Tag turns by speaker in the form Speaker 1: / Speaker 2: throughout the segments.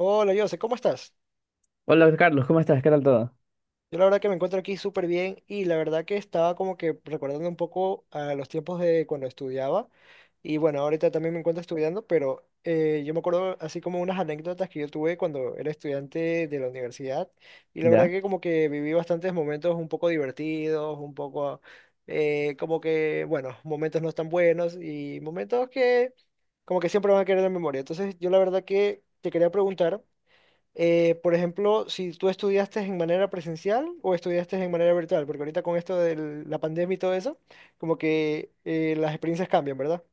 Speaker 1: Hola, Jose, ¿cómo estás?
Speaker 2: Hola Carlos, ¿cómo estás? ¿Qué tal todo?
Speaker 1: Yo la verdad que me encuentro aquí súper bien y la verdad que estaba como que recordando un poco a los tiempos de cuando estudiaba y bueno, ahorita también me encuentro estudiando, pero yo me acuerdo así como unas anécdotas que yo tuve cuando era estudiante de la universidad y la verdad
Speaker 2: Ya,
Speaker 1: que como que viví bastantes momentos un poco divertidos, un poco como que, bueno, momentos no tan buenos y momentos que como que siempre van a quedar en la memoria. Entonces yo la verdad que te quería preguntar. Por ejemplo, si tú estudiaste en manera presencial o estudiaste en manera virtual, porque ahorita con esto de la pandemia y todo eso, como que las experiencias cambian, ¿verdad?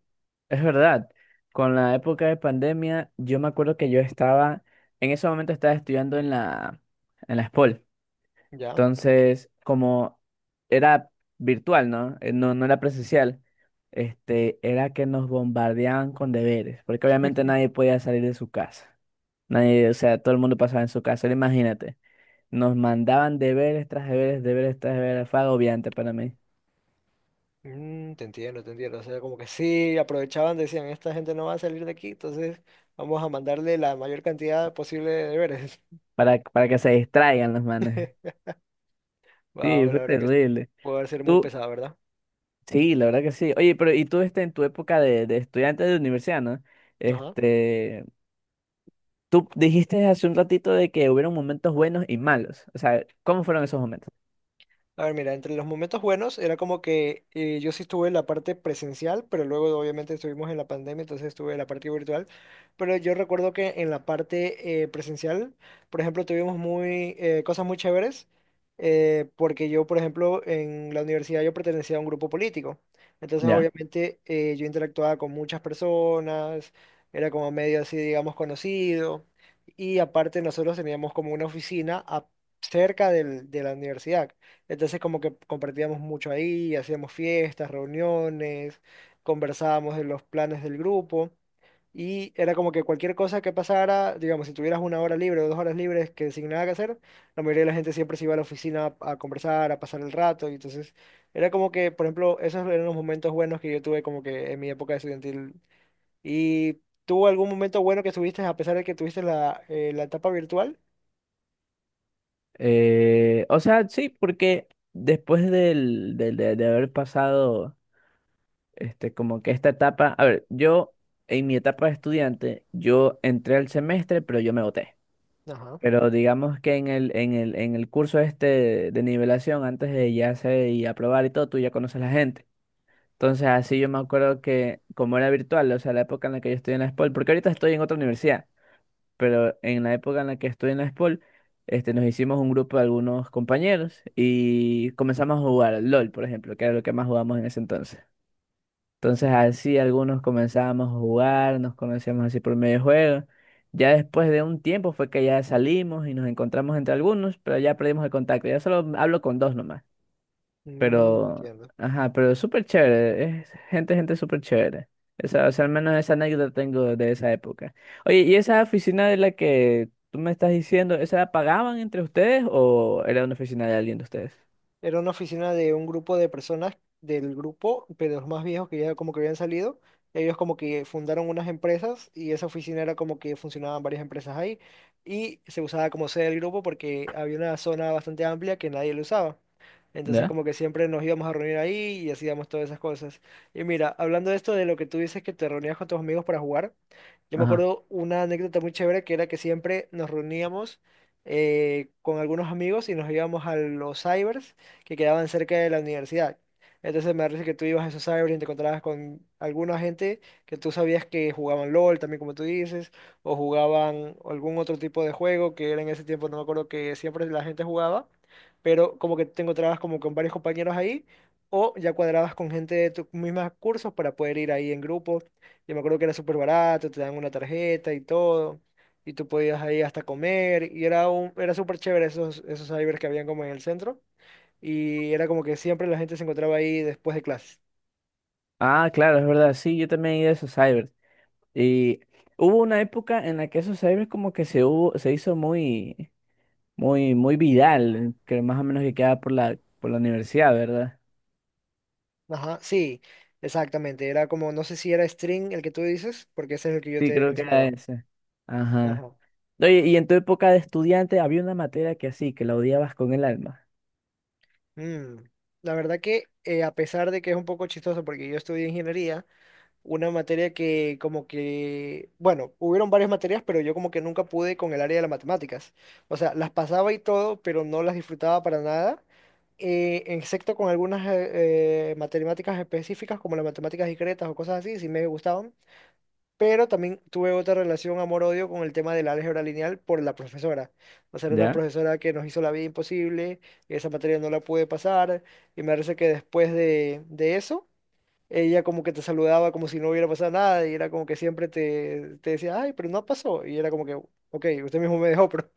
Speaker 2: es verdad. Con la época de pandemia, yo me acuerdo que yo estaba, en ese momento estaba estudiando en la SPOL.
Speaker 1: Ya.
Speaker 2: Entonces, como era virtual, ¿no? No, no era presencial. Era que nos bombardeaban con deberes, porque obviamente nadie podía salir de su casa. Nadie, o sea, todo el mundo pasaba en su casa. Ahora imagínate, nos mandaban deberes tras deberes, deberes tras deberes. Fue agobiante para mí,
Speaker 1: Mm, te entiendo, te entiendo. O sea, como que sí, aprovechaban, decían, esta gente no va a salir de aquí, entonces vamos a mandarle la mayor cantidad posible de deberes.
Speaker 2: para que se distraigan los manes. Sí,
Speaker 1: Wow,
Speaker 2: fue
Speaker 1: la verdad que
Speaker 2: terrible.
Speaker 1: puede ser muy
Speaker 2: Tú,
Speaker 1: pesado, ¿verdad?
Speaker 2: sí, la verdad que sí. Oye, pero y tú en tu época de estudiante de universidad, ¿no?
Speaker 1: Ajá.
Speaker 2: Este, tú dijiste hace un ratito de que hubieron momentos buenos y malos. O sea, ¿cómo fueron esos momentos?
Speaker 1: A ver, mira, entre los momentos buenos era como que yo sí estuve en la parte presencial, pero luego obviamente estuvimos en la pandemia, entonces estuve en la parte virtual. Pero yo recuerdo que en la parte presencial, por ejemplo, tuvimos muy, cosas muy chéveres, porque yo, por ejemplo, en la universidad yo pertenecía a un grupo político. Entonces,
Speaker 2: Ya.
Speaker 1: obviamente, yo interactuaba con muchas personas, era como medio así, digamos, conocido. Y aparte, nosotros teníamos como una cerca de la universidad. Entonces como que compartíamos mucho ahí, hacíamos fiestas, reuniones, conversábamos de los planes del grupo y era como que cualquier cosa que pasara, digamos, si tuvieras una hora libre o dos horas libres que sin nada que hacer, la mayoría de la gente siempre se iba a la oficina a conversar, a pasar el rato y entonces era como que, por ejemplo, esos eran los momentos buenos que yo tuve como que en mi época estudiantil. ¿Y tuvo algún momento bueno que tuviste a pesar de que tuviste la, la etapa virtual?
Speaker 2: O sea, sí, porque después de haber pasado, como que esta etapa, a ver, yo en mi etapa de estudiante, yo entré al semestre, pero yo me boté.
Speaker 1: Ajá.
Speaker 2: Pero digamos que en en el curso este de nivelación, antes de ya hacer y aprobar y todo, tú ya conoces a la gente. Entonces, así yo me acuerdo que, como era virtual, o sea, la época en la que yo estudié en la SPOL, porque ahorita estoy en otra universidad, pero en la época en la que estudié en la SPOL, nos hicimos un grupo de algunos compañeros y comenzamos a jugar al LOL, por ejemplo, que era lo que más jugamos en ese entonces. Entonces así algunos comenzábamos a jugar, nos conocíamos así por medio juego. Ya después de un tiempo fue que ya salimos y nos encontramos entre algunos, pero ya perdimos el contacto. Ya solo hablo con dos nomás.
Speaker 1: Mm,
Speaker 2: Pero,
Speaker 1: entiendo.
Speaker 2: ajá, pero es súper chévere. Es gente, gente súper chévere. Esa, o sea, al menos esa anécdota tengo de esa época. Oye, ¿y esa oficina de la que tú me estás diciendo, esa la pagaban entre ustedes o era una oficina de alguien de ustedes?
Speaker 1: Era una oficina de un grupo de personas del grupo, pero los más viejos que ya como que habían salido, ellos como que fundaron unas empresas y esa oficina era como que funcionaban varias empresas ahí y se usaba como sede del grupo porque había una zona bastante amplia que nadie lo usaba. Entonces
Speaker 2: ¿Ya?
Speaker 1: como que siempre nos íbamos a reunir ahí y hacíamos todas esas cosas. Y mira, hablando de esto de lo que tú dices que te reunías con tus amigos para jugar, yo me
Speaker 2: Ajá.
Speaker 1: acuerdo una anécdota muy chévere que era que siempre nos reuníamos con algunos amigos y nos íbamos a los cybers que quedaban cerca de la universidad. Entonces me parece que tú ibas a esos cyber y te encontrabas con alguna gente que tú sabías que jugaban LOL también, como tú dices, o jugaban algún otro tipo de juego que era en ese tiempo, no me acuerdo que siempre la gente jugaba, pero como que te encontrabas como con varios compañeros ahí. O ya cuadrabas con gente de tus mismos cursos para poder ir ahí en grupo. Yo me acuerdo que era súper barato, te dan una tarjeta y todo y tú podías ahí hasta comer y era un era súper chévere esos esos cybers que habían como en el centro y era como que siempre la gente se encontraba ahí después de clases.
Speaker 2: Ah, claro, es verdad. Sí, yo también he ido a esos cyber. Y hubo una época en la que esos cyber como que se hubo, se hizo muy viral, que más o menos que quedaba por la universidad, ¿verdad?
Speaker 1: Ajá, sí, exactamente. Era como, no sé si era string el que tú dices, porque ese es el que yo
Speaker 2: Sí,
Speaker 1: te
Speaker 2: creo que era
Speaker 1: mencionaba.
Speaker 2: ese. Ajá.
Speaker 1: Ajá.
Speaker 2: Oye, y en tu época de estudiante había una materia que así, que la odiabas con el alma.
Speaker 1: Mm. La verdad que a pesar de que es un poco chistoso porque yo estudié ingeniería, una materia que como que, bueno, hubieron varias materias, pero yo como que nunca pude con el área de las matemáticas. O sea, las pasaba y todo, pero no las disfrutaba para nada, excepto con algunas matemáticas específicas como las matemáticas discretas o cosas así, sí me gustaban. Pero también tuve otra relación amor-odio con el tema del álgebra lineal por la profesora. O sea, era una
Speaker 2: ¿Ya?
Speaker 1: profesora que nos hizo la vida imposible, y esa materia no la pude pasar, y me parece que después de eso, ella como que te saludaba como si no hubiera pasado nada, y era como que siempre te, te decía, ay, pero no pasó, y era como que, ok, usted mismo me dejó, pero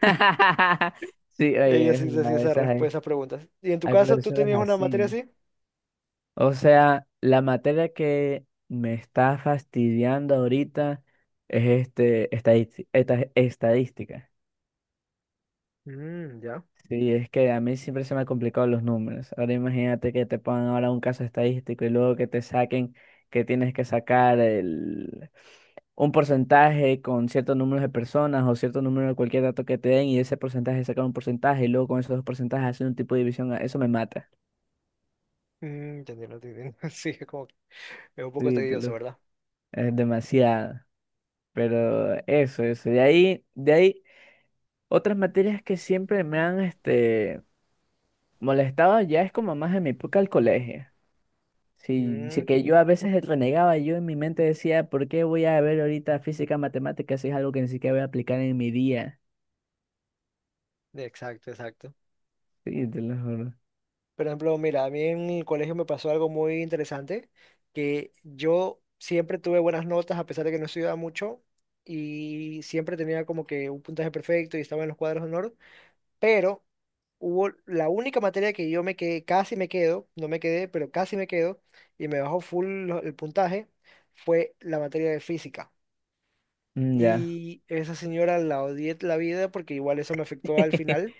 Speaker 2: Sí,
Speaker 1: ella
Speaker 2: oye, es
Speaker 1: sí se hacía
Speaker 2: verdad, esas hay,
Speaker 1: esas preguntas. ¿Y en tu
Speaker 2: hay
Speaker 1: caso tú
Speaker 2: profesores
Speaker 1: tenías una materia
Speaker 2: así.
Speaker 1: así?
Speaker 2: O sea, la materia que me está fastidiando ahorita es estadística.
Speaker 1: Mm, ya.
Speaker 2: Sí, es que a mí siempre se me han complicado los números. Ahora imagínate que te pongan ahora un caso estadístico y luego que te saquen que tienes que sacar un porcentaje con ciertos números de personas o cierto número de cualquier dato que te den y ese porcentaje sacar un porcentaje y luego con esos dos porcentajes hacer un tipo de división. Eso me mata.
Speaker 1: Mm, entendiendo, entendiendo. Sí, es como que es un poco
Speaker 2: Sí,
Speaker 1: tedioso, ¿verdad?
Speaker 2: es demasiado. Pero eso, eso. Otras materias que siempre me han molestado ya es como más en mi época del colegio. Sí, sí
Speaker 1: Mm,
Speaker 2: que yo a veces renegaba, yo en mi mente decía, ¿por qué voy a ver ahorita física, matemáticas si es algo que ni siquiera voy a aplicar en mi día?
Speaker 1: exacto, exacto.
Speaker 2: Sí, te lo juro.
Speaker 1: Por ejemplo, mira, a mí en el colegio me pasó algo muy interesante, que yo siempre tuve buenas notas a pesar de que no estudiaba mucho y siempre tenía como que un puntaje perfecto y estaba en los cuadros de honor, pero hubo la única materia que yo me quedé, casi me quedo, no me quedé, pero casi me quedo y me bajó full el puntaje, fue la materia de física.
Speaker 2: Mm, ya.
Speaker 1: Y esa señora la odié la vida porque igual eso me afectó al final,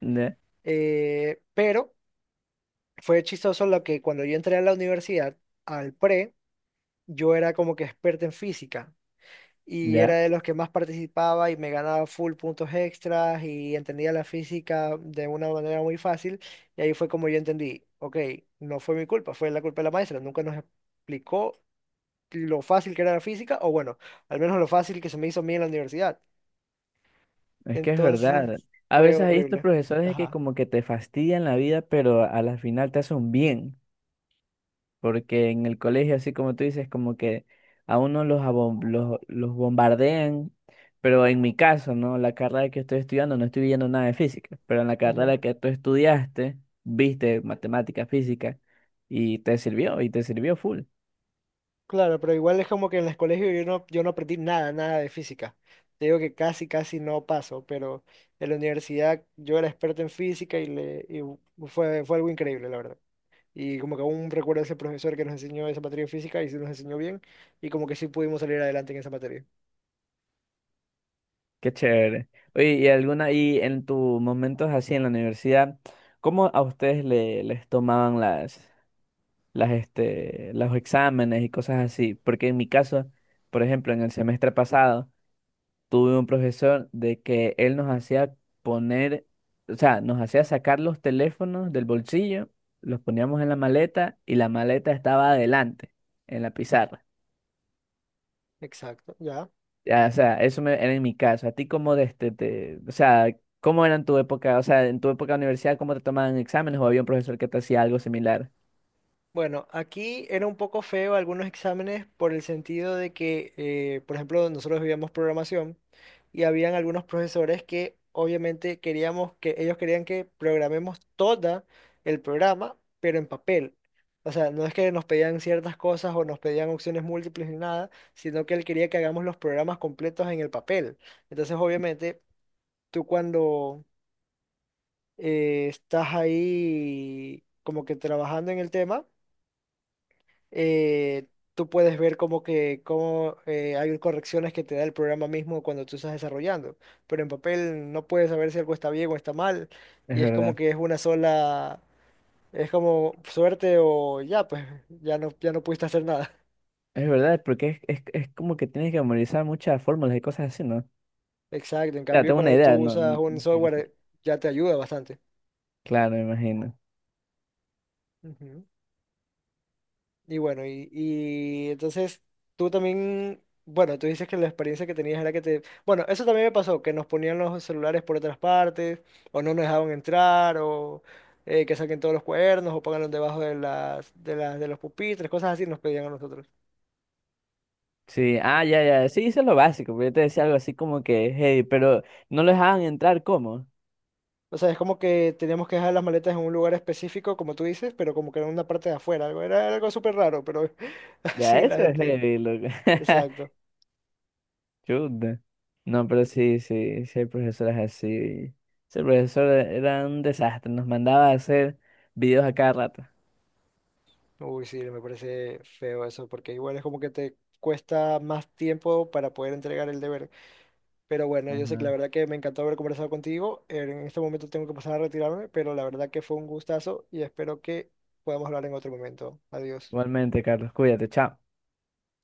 Speaker 2: Ya,
Speaker 1: pero... fue chistoso lo que cuando yo entré a la universidad, al pre, yo era como que experto en física y era
Speaker 2: ya,
Speaker 1: de los que más participaba y me ganaba full puntos extras y entendía la física de una manera muy fácil. Y ahí fue como yo entendí, ok, no fue mi culpa, fue la culpa de la maestra, nunca nos explicó lo fácil que era la física o bueno, al menos lo fácil que se me hizo a mí en la universidad.
Speaker 2: es que es
Speaker 1: Entonces
Speaker 2: verdad. A
Speaker 1: fue
Speaker 2: veces hay estos
Speaker 1: horrible.
Speaker 2: profesores que
Speaker 1: Ajá.
Speaker 2: como que te fastidian la vida, pero a la final te hacen un bien, porque en el colegio, así como tú dices, como que a uno los bombardean, pero en mi caso, ¿no? La carrera que estoy estudiando, no estoy viendo nada de física, pero en la carrera que tú estudiaste, viste matemática, física, y te sirvió full.
Speaker 1: Claro, pero igual es como que en el colegio yo no, yo no aprendí nada, nada de física. Te digo que casi, casi no paso, pero en la universidad yo era experto en física y, le, y fue, fue algo increíble, la verdad. Y como que aún recuerdo a ese profesor que nos enseñó esa materia de física y sí nos enseñó bien y como que sí pudimos salir adelante en esa materia.
Speaker 2: Qué chévere. Oye, y alguna, y en tus momentos así en la universidad, ¿cómo a ustedes les tomaban los exámenes y cosas así? Porque en mi caso, por ejemplo, en el semestre pasado, tuve un profesor de que él nos hacía poner, o sea, nos hacía sacar los teléfonos del bolsillo, los poníamos en la maleta y la maleta estaba adelante, en la pizarra.
Speaker 1: Exacto, ya.
Speaker 2: Ya, o sea, era en mi caso. ¿A ti cómo de o sea, cómo era en tu época, o sea, en tu época de universidad, cómo te tomaban exámenes o había un profesor que te hacía algo similar?
Speaker 1: Bueno, aquí era un poco feo algunos exámenes por el sentido de que, por ejemplo, nosotros vivíamos programación y habían algunos profesores que obviamente queríamos que ellos querían que programemos todo el programa, pero en papel. O sea, no es que nos pedían ciertas cosas o nos pedían opciones múltiples ni nada, sino que él quería que hagamos los programas completos en el papel. Entonces, obviamente, tú cuando estás ahí como que trabajando en el tema eh, tú puedes ver como que cómo hay correcciones que te da el programa mismo cuando tú estás desarrollando, pero en papel no puedes saber si algo está bien o está mal,
Speaker 2: Es
Speaker 1: y es como
Speaker 2: verdad,
Speaker 1: que es una sola, es como suerte o ya, pues ya no, ya no pudiste hacer nada.
Speaker 2: es verdad, porque es como que tienes que memorizar muchas fórmulas y cosas así, ¿no? O
Speaker 1: Exacto, en
Speaker 2: sea,
Speaker 1: cambio
Speaker 2: tengo una
Speaker 1: cuando
Speaker 2: idea,
Speaker 1: tú usas un
Speaker 2: no quiero
Speaker 1: software
Speaker 2: decir.
Speaker 1: ya te ayuda bastante.
Speaker 2: Claro, me imagino.
Speaker 1: Ujú. Y bueno, y entonces tú también, bueno, tú dices que la experiencia que tenías era que te... Bueno, eso también me pasó, que nos ponían los celulares por otras partes, o no nos dejaban entrar, o que saquen todos los cuadernos, o pónganlos debajo de las, de los pupitres, cosas así nos pedían a nosotros.
Speaker 2: Sí, ah, ya, ya, sí, hice lo básico, pero yo te decía algo así como que hey, pero no lo dejaban entrar, ¿cómo?
Speaker 1: O sea, es como que teníamos que dejar las maletas en un lugar específico, como tú dices, pero como que en una parte de afuera, algo, era algo súper raro, pero
Speaker 2: Ya,
Speaker 1: así la
Speaker 2: eso es
Speaker 1: gente...
Speaker 2: heavy, loco.
Speaker 1: Exacto.
Speaker 2: Chuta. No, pero sí, sí, sí hay profesoras así. Ese profesor era un desastre, nos mandaba a hacer videos a cada rato.
Speaker 1: Uy, sí, me parece feo eso, porque igual es como que te cuesta más tiempo para poder entregar el deber. Pero bueno, yo sé que
Speaker 2: Ajá.
Speaker 1: la verdad que me encantó haber conversado contigo. En este momento tengo que pasar a retirarme, pero la verdad que fue un gustazo y espero que podamos hablar en otro momento. Adiós.
Speaker 2: Igualmente, Carlos, cuídate, chao.